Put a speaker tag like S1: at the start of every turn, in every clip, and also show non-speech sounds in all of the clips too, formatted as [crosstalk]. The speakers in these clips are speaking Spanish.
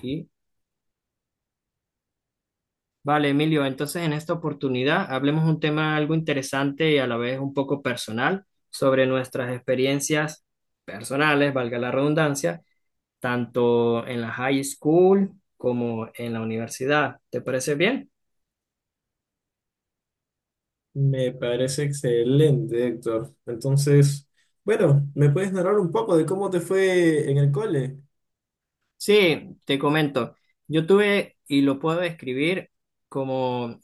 S1: Sí. Vale, Emilio, entonces en esta oportunidad hablemos un tema algo interesante y a la vez un poco personal sobre nuestras experiencias personales, valga la redundancia, tanto en la high school como en la universidad. ¿Te parece bien?
S2: Me parece excelente, Héctor. Entonces, bueno, ¿me puedes narrar un poco de cómo te fue en el cole?
S1: Sí, te comento. Yo tuve, y lo puedo describir como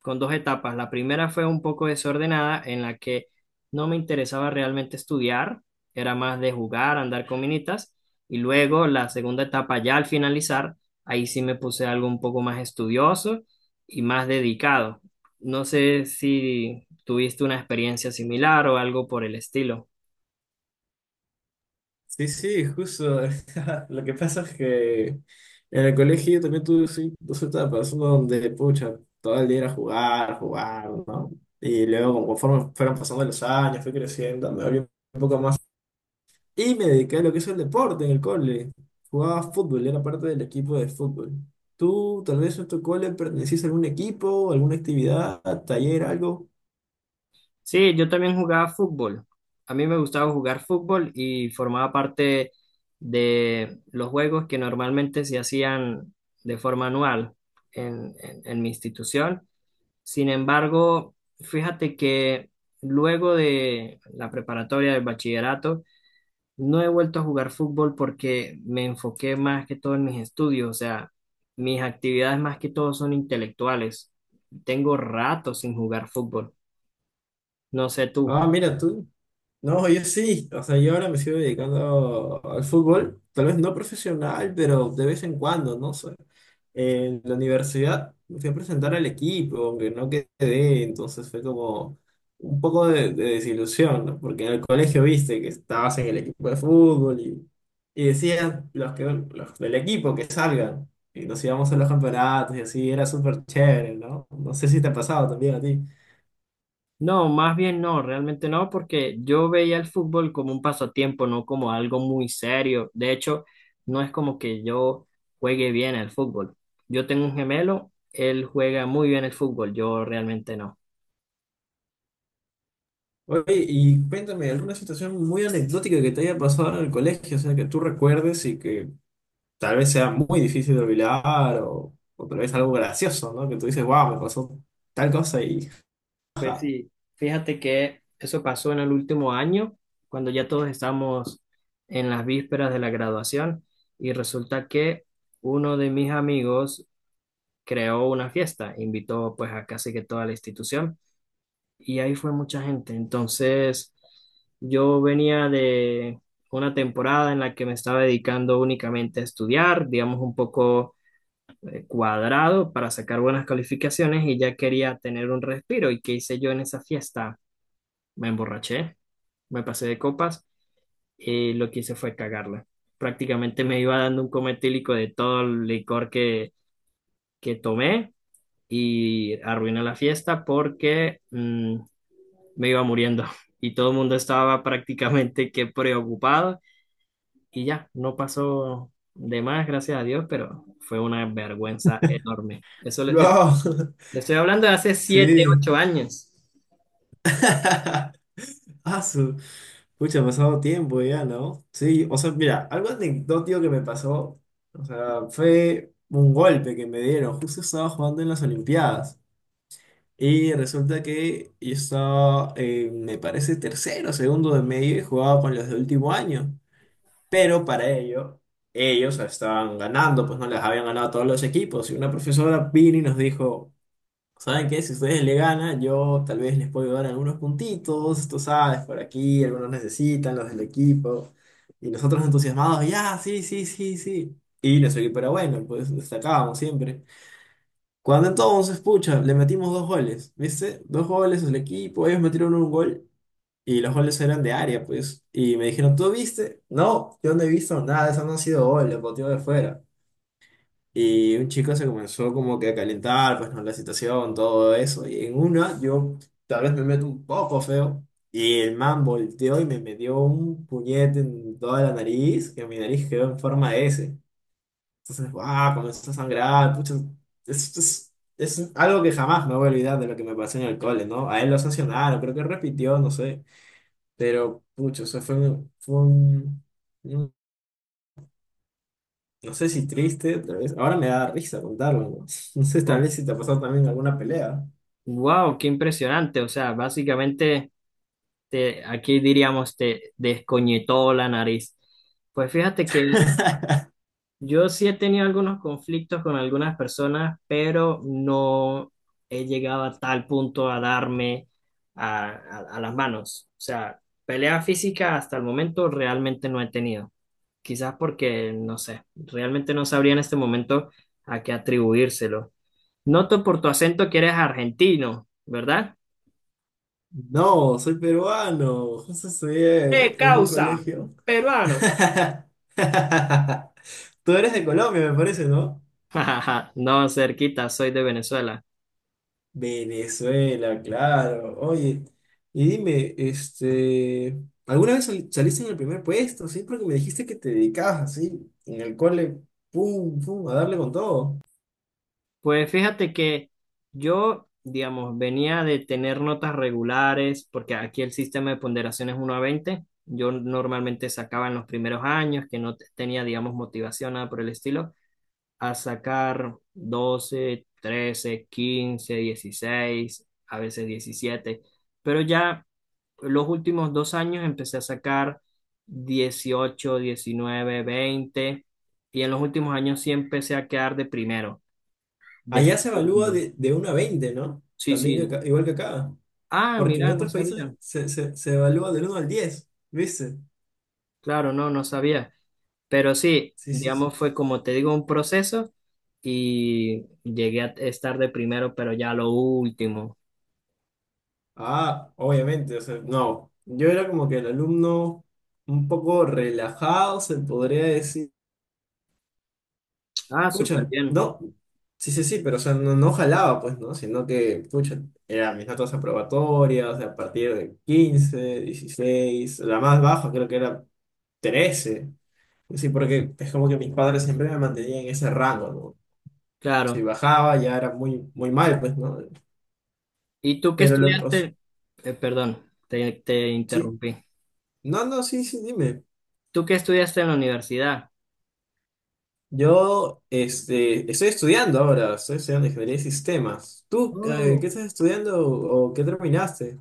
S1: con dos etapas. La primera fue un poco desordenada, en la que no me interesaba realmente estudiar, era más de jugar, andar con minitas. Y luego la segunda etapa, ya al finalizar, ahí sí me puse algo un poco más estudioso y más dedicado. No sé si tuviste una experiencia similar o algo por el estilo.
S2: Sí, sí, justo. [laughs] Lo que pasa es que en el colegio yo también tuve sí, dos etapas, una donde, pucha, todo el día era jugar, jugar, ¿no? Y luego, conforme fueron pasando los años, fui creciendo, me abrí un poco más. Y me dediqué a lo que es el deporte en el cole. Jugaba fútbol, era parte del equipo de fútbol. ¿Tú tal vez en tu cole pertenecías a algún equipo, alguna actividad, taller, algo?
S1: Sí, yo también jugaba fútbol. A mí me gustaba jugar fútbol y formaba parte de los juegos que normalmente se hacían de forma anual en mi institución. Sin embargo, fíjate que luego de la preparatoria del bachillerato, no he vuelto a jugar fútbol porque me enfoqué más que todo en mis estudios. O sea, mis actividades más que todo son intelectuales. Tengo rato sin jugar fútbol. No sé tú.
S2: Ah, mira tú. No, yo sí. O sea, yo ahora me sigo dedicando al fútbol. Tal vez no profesional, pero de vez en cuando, ¿no? Sé. En la universidad me fui a presentar al equipo, aunque no quedé. Entonces fue como un poco de desilusión, ¿no? Porque en el colegio viste que estabas en el equipo de fútbol y decían los, que, los del equipo que salgan. Y nos íbamos a los campeonatos y así. Era súper chévere, ¿no? No sé si te ha pasado también a ti.
S1: No, más bien no, realmente no, porque yo veía el fútbol como un pasatiempo, no como algo muy serio. De hecho, no es como que yo juegue bien al fútbol. Yo tengo un gemelo, él juega muy bien el fútbol, yo realmente no.
S2: Oye, y cuéntame, ¿alguna situación muy anecdótica que te haya pasado en el colegio? O sea, que tú recuerdes y que tal vez sea muy difícil de olvidar o tal vez algo gracioso, ¿no? Que tú dices, wow, me pasó tal cosa y…
S1: Pues sí, fíjate que eso pasó en el último año, cuando ya todos estamos en las vísperas de la graduación, y resulta que uno de mis amigos creó una fiesta, invitó pues a casi que toda la institución. Y ahí fue mucha gente. Entonces, yo venía de una temporada en la que me estaba dedicando únicamente a estudiar, digamos un poco cuadrado para sacar buenas calificaciones y ya quería tener un respiro. ¿Y qué hice yo en esa fiesta? Me emborraché, me pasé de copas y lo que hice fue cagarla. Prácticamente me iba dando un coma etílico de todo el licor que tomé y arruiné la fiesta porque me iba muriendo y todo el mundo estaba prácticamente que preocupado y ya, no pasó de más, gracias a Dios, pero fue una vergüenza enorme.
S2: ¡Wow! [laughs]
S1: Le estoy hablando de hace siete,
S2: Sí.
S1: ocho años.
S2: [laughs] Ah, su... Pucha, ha pasado tiempo ya, ¿no? Sí, o sea, mira, algo anecdótico que me pasó, o sea, fue un golpe que me dieron. Justo estaba jugando en las Olimpiadas. Y resulta que yo estaba, me parece, tercero, segundo de medio y jugaba con los de último año. Pero para ello, ellos estaban ganando, pues no les habían ganado a todos los equipos. Y una profesora vino y nos dijo, ¿saben qué? Si ustedes le ganan, yo tal vez les puedo dar algunos puntitos, tú sabes, por aquí, algunos necesitan, los del equipo. Y nosotros entusiasmados, ya, sí, sí, sí, sí. Y nuestro equipo era bueno, pues destacábamos siempre. Cuando entonces, pucha, le metimos dos goles, ¿viste? Dos goles al equipo, ellos metieron un gol y los goles eran de área, pues. Y me dijeron, ¿tú viste? No, yo no he visto nada, eso no han sido goles, lo de fuera. Y un chico se comenzó como que a calentar, pues, ¿no? La situación, todo eso. Y en una, yo tal vez me meto un poco feo. Y el man volteó y me metió un puñete en toda la nariz, que mi nariz quedó en forma de S. Entonces, ah, comenzó a sangrar, pucha, es, es- es algo que jamás me voy a olvidar de lo que me pasó en el cole, ¿no? A él lo sancionaron, creo que repitió, no sé, pero, pucha, o sea, un- no sé si triste, tal vez, ahora me da risa contarlo, ¿no? [laughs] No sé, tal
S1: Oh,
S2: vez si te ha pasado también alguna pelea.
S1: wow, qué impresionante. O sea, básicamente te, aquí diríamos te descoñetó la nariz. Pues fíjate que
S2: [laughs]
S1: yo sí he tenido algunos conflictos con algunas personas, pero no he llegado a tal punto a darme a las manos. O sea, pelea física hasta el momento realmente no he tenido. Quizás porque, no sé, realmente no sabría en este momento a qué atribuírselo. Noto por tu acento que eres argentino, ¿verdad?
S2: No, soy peruano, justo
S1: [laughs]
S2: estudié
S1: ¡Eh,
S2: en un
S1: causa!
S2: colegio.
S1: Peruano.
S2: [laughs] Tú eres de Colombia, me parece, ¿no?
S1: [laughs] No, cerquita, soy de Venezuela.
S2: Venezuela, claro. Oye, y dime, ¿alguna vez saliste en el primer puesto? Sí, porque me dijiste que te dedicabas así, en el cole, pum, pum, a darle con todo.
S1: Pues fíjate que yo, digamos, venía de tener notas regulares, porque aquí el sistema de ponderación es 1 a 20. Yo normalmente sacaba en los primeros años, que no tenía, digamos, motivación, nada por el estilo, a sacar 12, 13, 15, 16, a veces 17. Pero ya los últimos 2 años empecé a sacar 18, 19, 20 y en los últimos años sí empecé a quedar de primero. De
S2: Allá se evalúa
S1: segundo.
S2: de uno a 20, ¿no?
S1: Sí,
S2: También que
S1: sí.
S2: igual que acá.
S1: Ah,
S2: Porque en
S1: mira, no
S2: otros países
S1: sabía.
S2: se evalúa del uno al 10, ¿viste?
S1: Claro, no, no sabía. Pero sí,
S2: Sí, sí, sí.
S1: digamos, fue como te digo, un proceso y llegué a estar de primero, pero ya lo último.
S2: Ah, obviamente, o sea, no. Yo era como que el alumno un poco relajado, se podría decir.
S1: Ah, súper
S2: Pucha,
S1: bien.
S2: no, sí, sí, sí, pero o sea, no, no jalaba, pues, ¿no? Sino que, pucha, eran mis notas aprobatorias, o sea, a partir de 15 16 la más baja creo que era 13, sí, porque es como que mis padres siempre me mantenían en ese rango, ¿no? Si
S1: Claro.
S2: bajaba ya era muy, muy mal, pues, ¿no?
S1: ¿Y tú qué
S2: Pero lo, o sea,
S1: estudiaste? Perdón, te
S2: sí,
S1: interrumpí.
S2: no, no, sí, sí, dime.
S1: ¿Tú qué estudiaste en la universidad?
S2: Yo, estoy estudiando ahora, estoy estudiando ingeniería de sistemas. ¿Tú, qué
S1: Oh,
S2: estás estudiando o qué terminaste?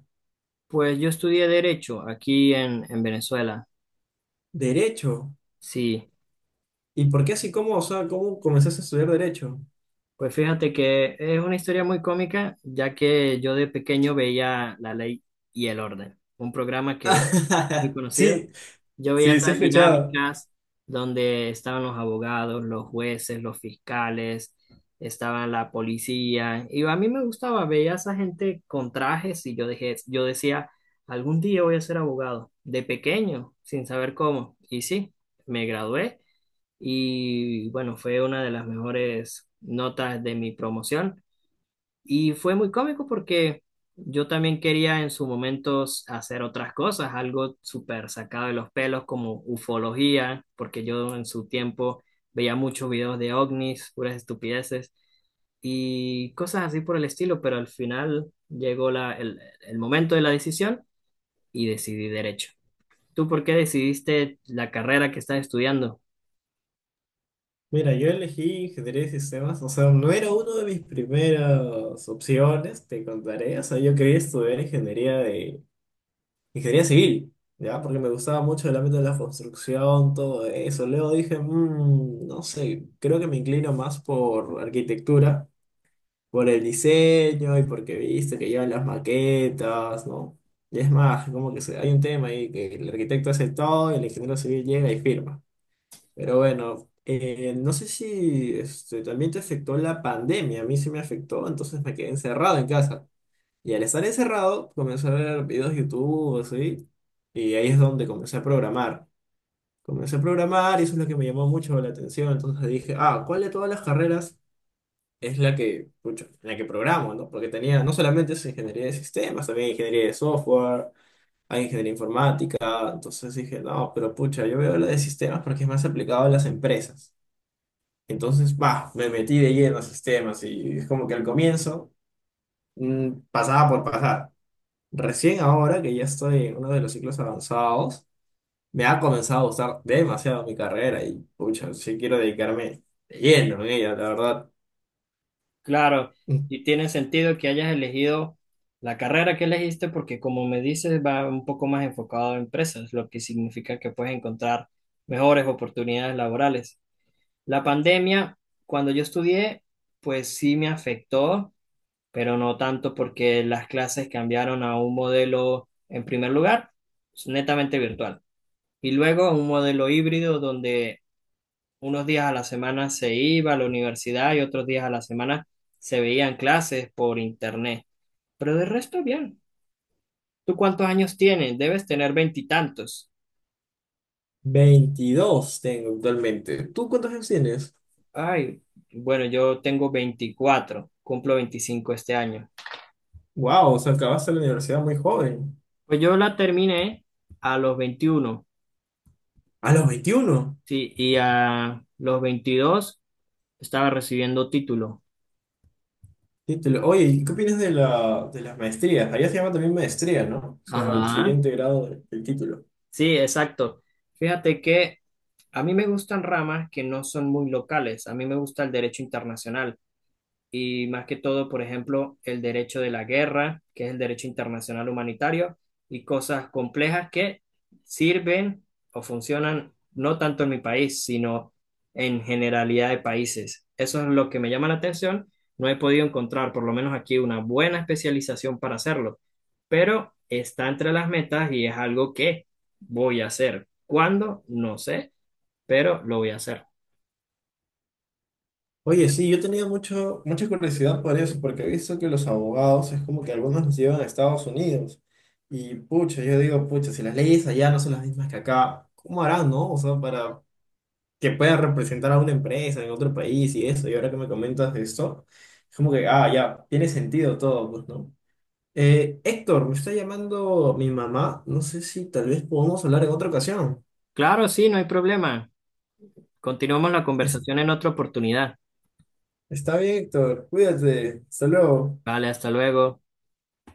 S1: pues yo estudié Derecho aquí en Venezuela.
S2: Derecho.
S1: Sí.
S2: ¿Y por qué así? ¿Cómo, o sea, cómo comenzaste a estudiar derecho?
S1: Pues fíjate que es una historia muy cómica, ya que yo de pequeño veía La Ley y el Orden, un programa que muy
S2: [laughs]
S1: conocido.
S2: Sí,
S1: Yo veía
S2: sí, sí he
S1: esas
S2: escuchado.
S1: dinámicas donde estaban los abogados, los jueces, los fiscales, estaban la policía, y a mí me gustaba, veía a esa gente con trajes y yo dejé, yo decía, algún día voy a ser abogado, de pequeño, sin saber cómo. Y sí, me gradué y bueno, fue una de las mejores notas de mi promoción y fue muy cómico porque yo también quería en su momento hacer otras cosas, algo súper sacado de los pelos como ufología, porque yo en su tiempo veía muchos videos de ovnis, puras estupideces y cosas así por el estilo, pero al final llegó el momento de la decisión y decidí derecho. ¿Tú por qué decidiste la carrera que estás estudiando?
S2: Mira, yo elegí ingeniería de sistemas, o sea, no era una de mis primeras opciones, te contaré, o sea, yo quería estudiar ingeniería civil, ¿ya? Porque me gustaba mucho el ámbito de la construcción, todo eso. Luego dije, no sé, creo que me inclino más por arquitectura. Por el diseño y porque viste que llevan las maquetas, ¿no?" Y es más, como que hay un tema ahí que el arquitecto hace todo y el ingeniero civil llega y firma. Pero bueno, no sé si también te afectó la pandemia, a mí sí me afectó, entonces me quedé encerrado en casa. Y al estar encerrado, comencé a ver videos de YouTube, así, y ahí es donde comencé a programar. Comencé a programar y eso es lo que me llamó mucho la atención. Entonces dije, ah, ¿cuál de todas las carreras es la que, pucha, la que programo, ¿no? Porque tenía, no solamente es ingeniería de sistemas, también hay ingeniería de software, hay ingeniería informática, entonces dije, no, pero pucha, yo veo la de sistemas porque es más aplicado a las empresas. Entonces, va, me metí de lleno a sistemas y es como que al comienzo pasaba por pasar. Recién ahora que ya estoy en uno de los ciclos avanzados, me ha comenzado a gustar demasiado mi carrera y, pucha, sí quiero dedicarme de lleno en ella, la verdad.
S1: Claro, y tiene sentido que hayas elegido la carrera que elegiste porque como me dices va un poco más enfocado a empresas, lo que significa que puedes encontrar mejores oportunidades laborales. La pandemia, cuando yo estudié, pues sí me afectó, pero no tanto porque las clases cambiaron a un modelo, en primer lugar, netamente virtual, y luego a un modelo híbrido donde unos días a la semana se iba a la universidad y otros días a la semana se veían clases por internet. Pero de resto, bien. ¿Tú cuántos años tienes? Debes tener veintitantos.
S2: 22 tengo actualmente. ¿Tú cuántos años tienes?
S1: Ay, bueno, yo tengo 24, cumplo 25 este año.
S2: Wow, o sea, acabaste la universidad muy joven.
S1: Pues yo la terminé a los 21,
S2: A los 21.
S1: sí, y a los 22 estaba recibiendo título.
S2: Sí, te lo- Oye, ¿y qué opinas de la, de las maestrías? Allá se llama también maestría, ¿no? O sea, el
S1: Ajá,
S2: siguiente grado del título.
S1: sí, exacto. Fíjate que a mí me gustan ramas que no son muy locales. A mí me gusta el derecho internacional y más que todo, por ejemplo, el derecho de la guerra, que es el derecho internacional humanitario, y cosas complejas que sirven o funcionan no tanto en mi país, sino en generalidad de países. Eso es lo que me llama la atención. No he podido encontrar, por lo menos aquí, una buena especialización para hacerlo, pero está entre las metas y es algo que voy a hacer. ¿Cuándo? No sé, pero lo voy a hacer.
S2: Oye, sí, yo tenía mucha curiosidad por eso, porque he visto que los abogados es como que algunos los llevan a Estados Unidos. Y pucha, yo digo, pucha, si las leyes allá no son las mismas que acá, ¿cómo harán, no? O sea, para que puedan representar a una empresa en otro país y eso. Y ahora que me comentas de esto, es como que, ah, ya, tiene sentido todo, pues, ¿no? Héctor, me está llamando mi mamá. No sé si tal vez podamos hablar en otra ocasión.
S1: Claro, sí, no hay problema. Continuamos la
S2: Es-
S1: conversación en otra oportunidad.
S2: Está bien, Héctor. Cuídate. Hasta luego.
S1: Vale, hasta luego.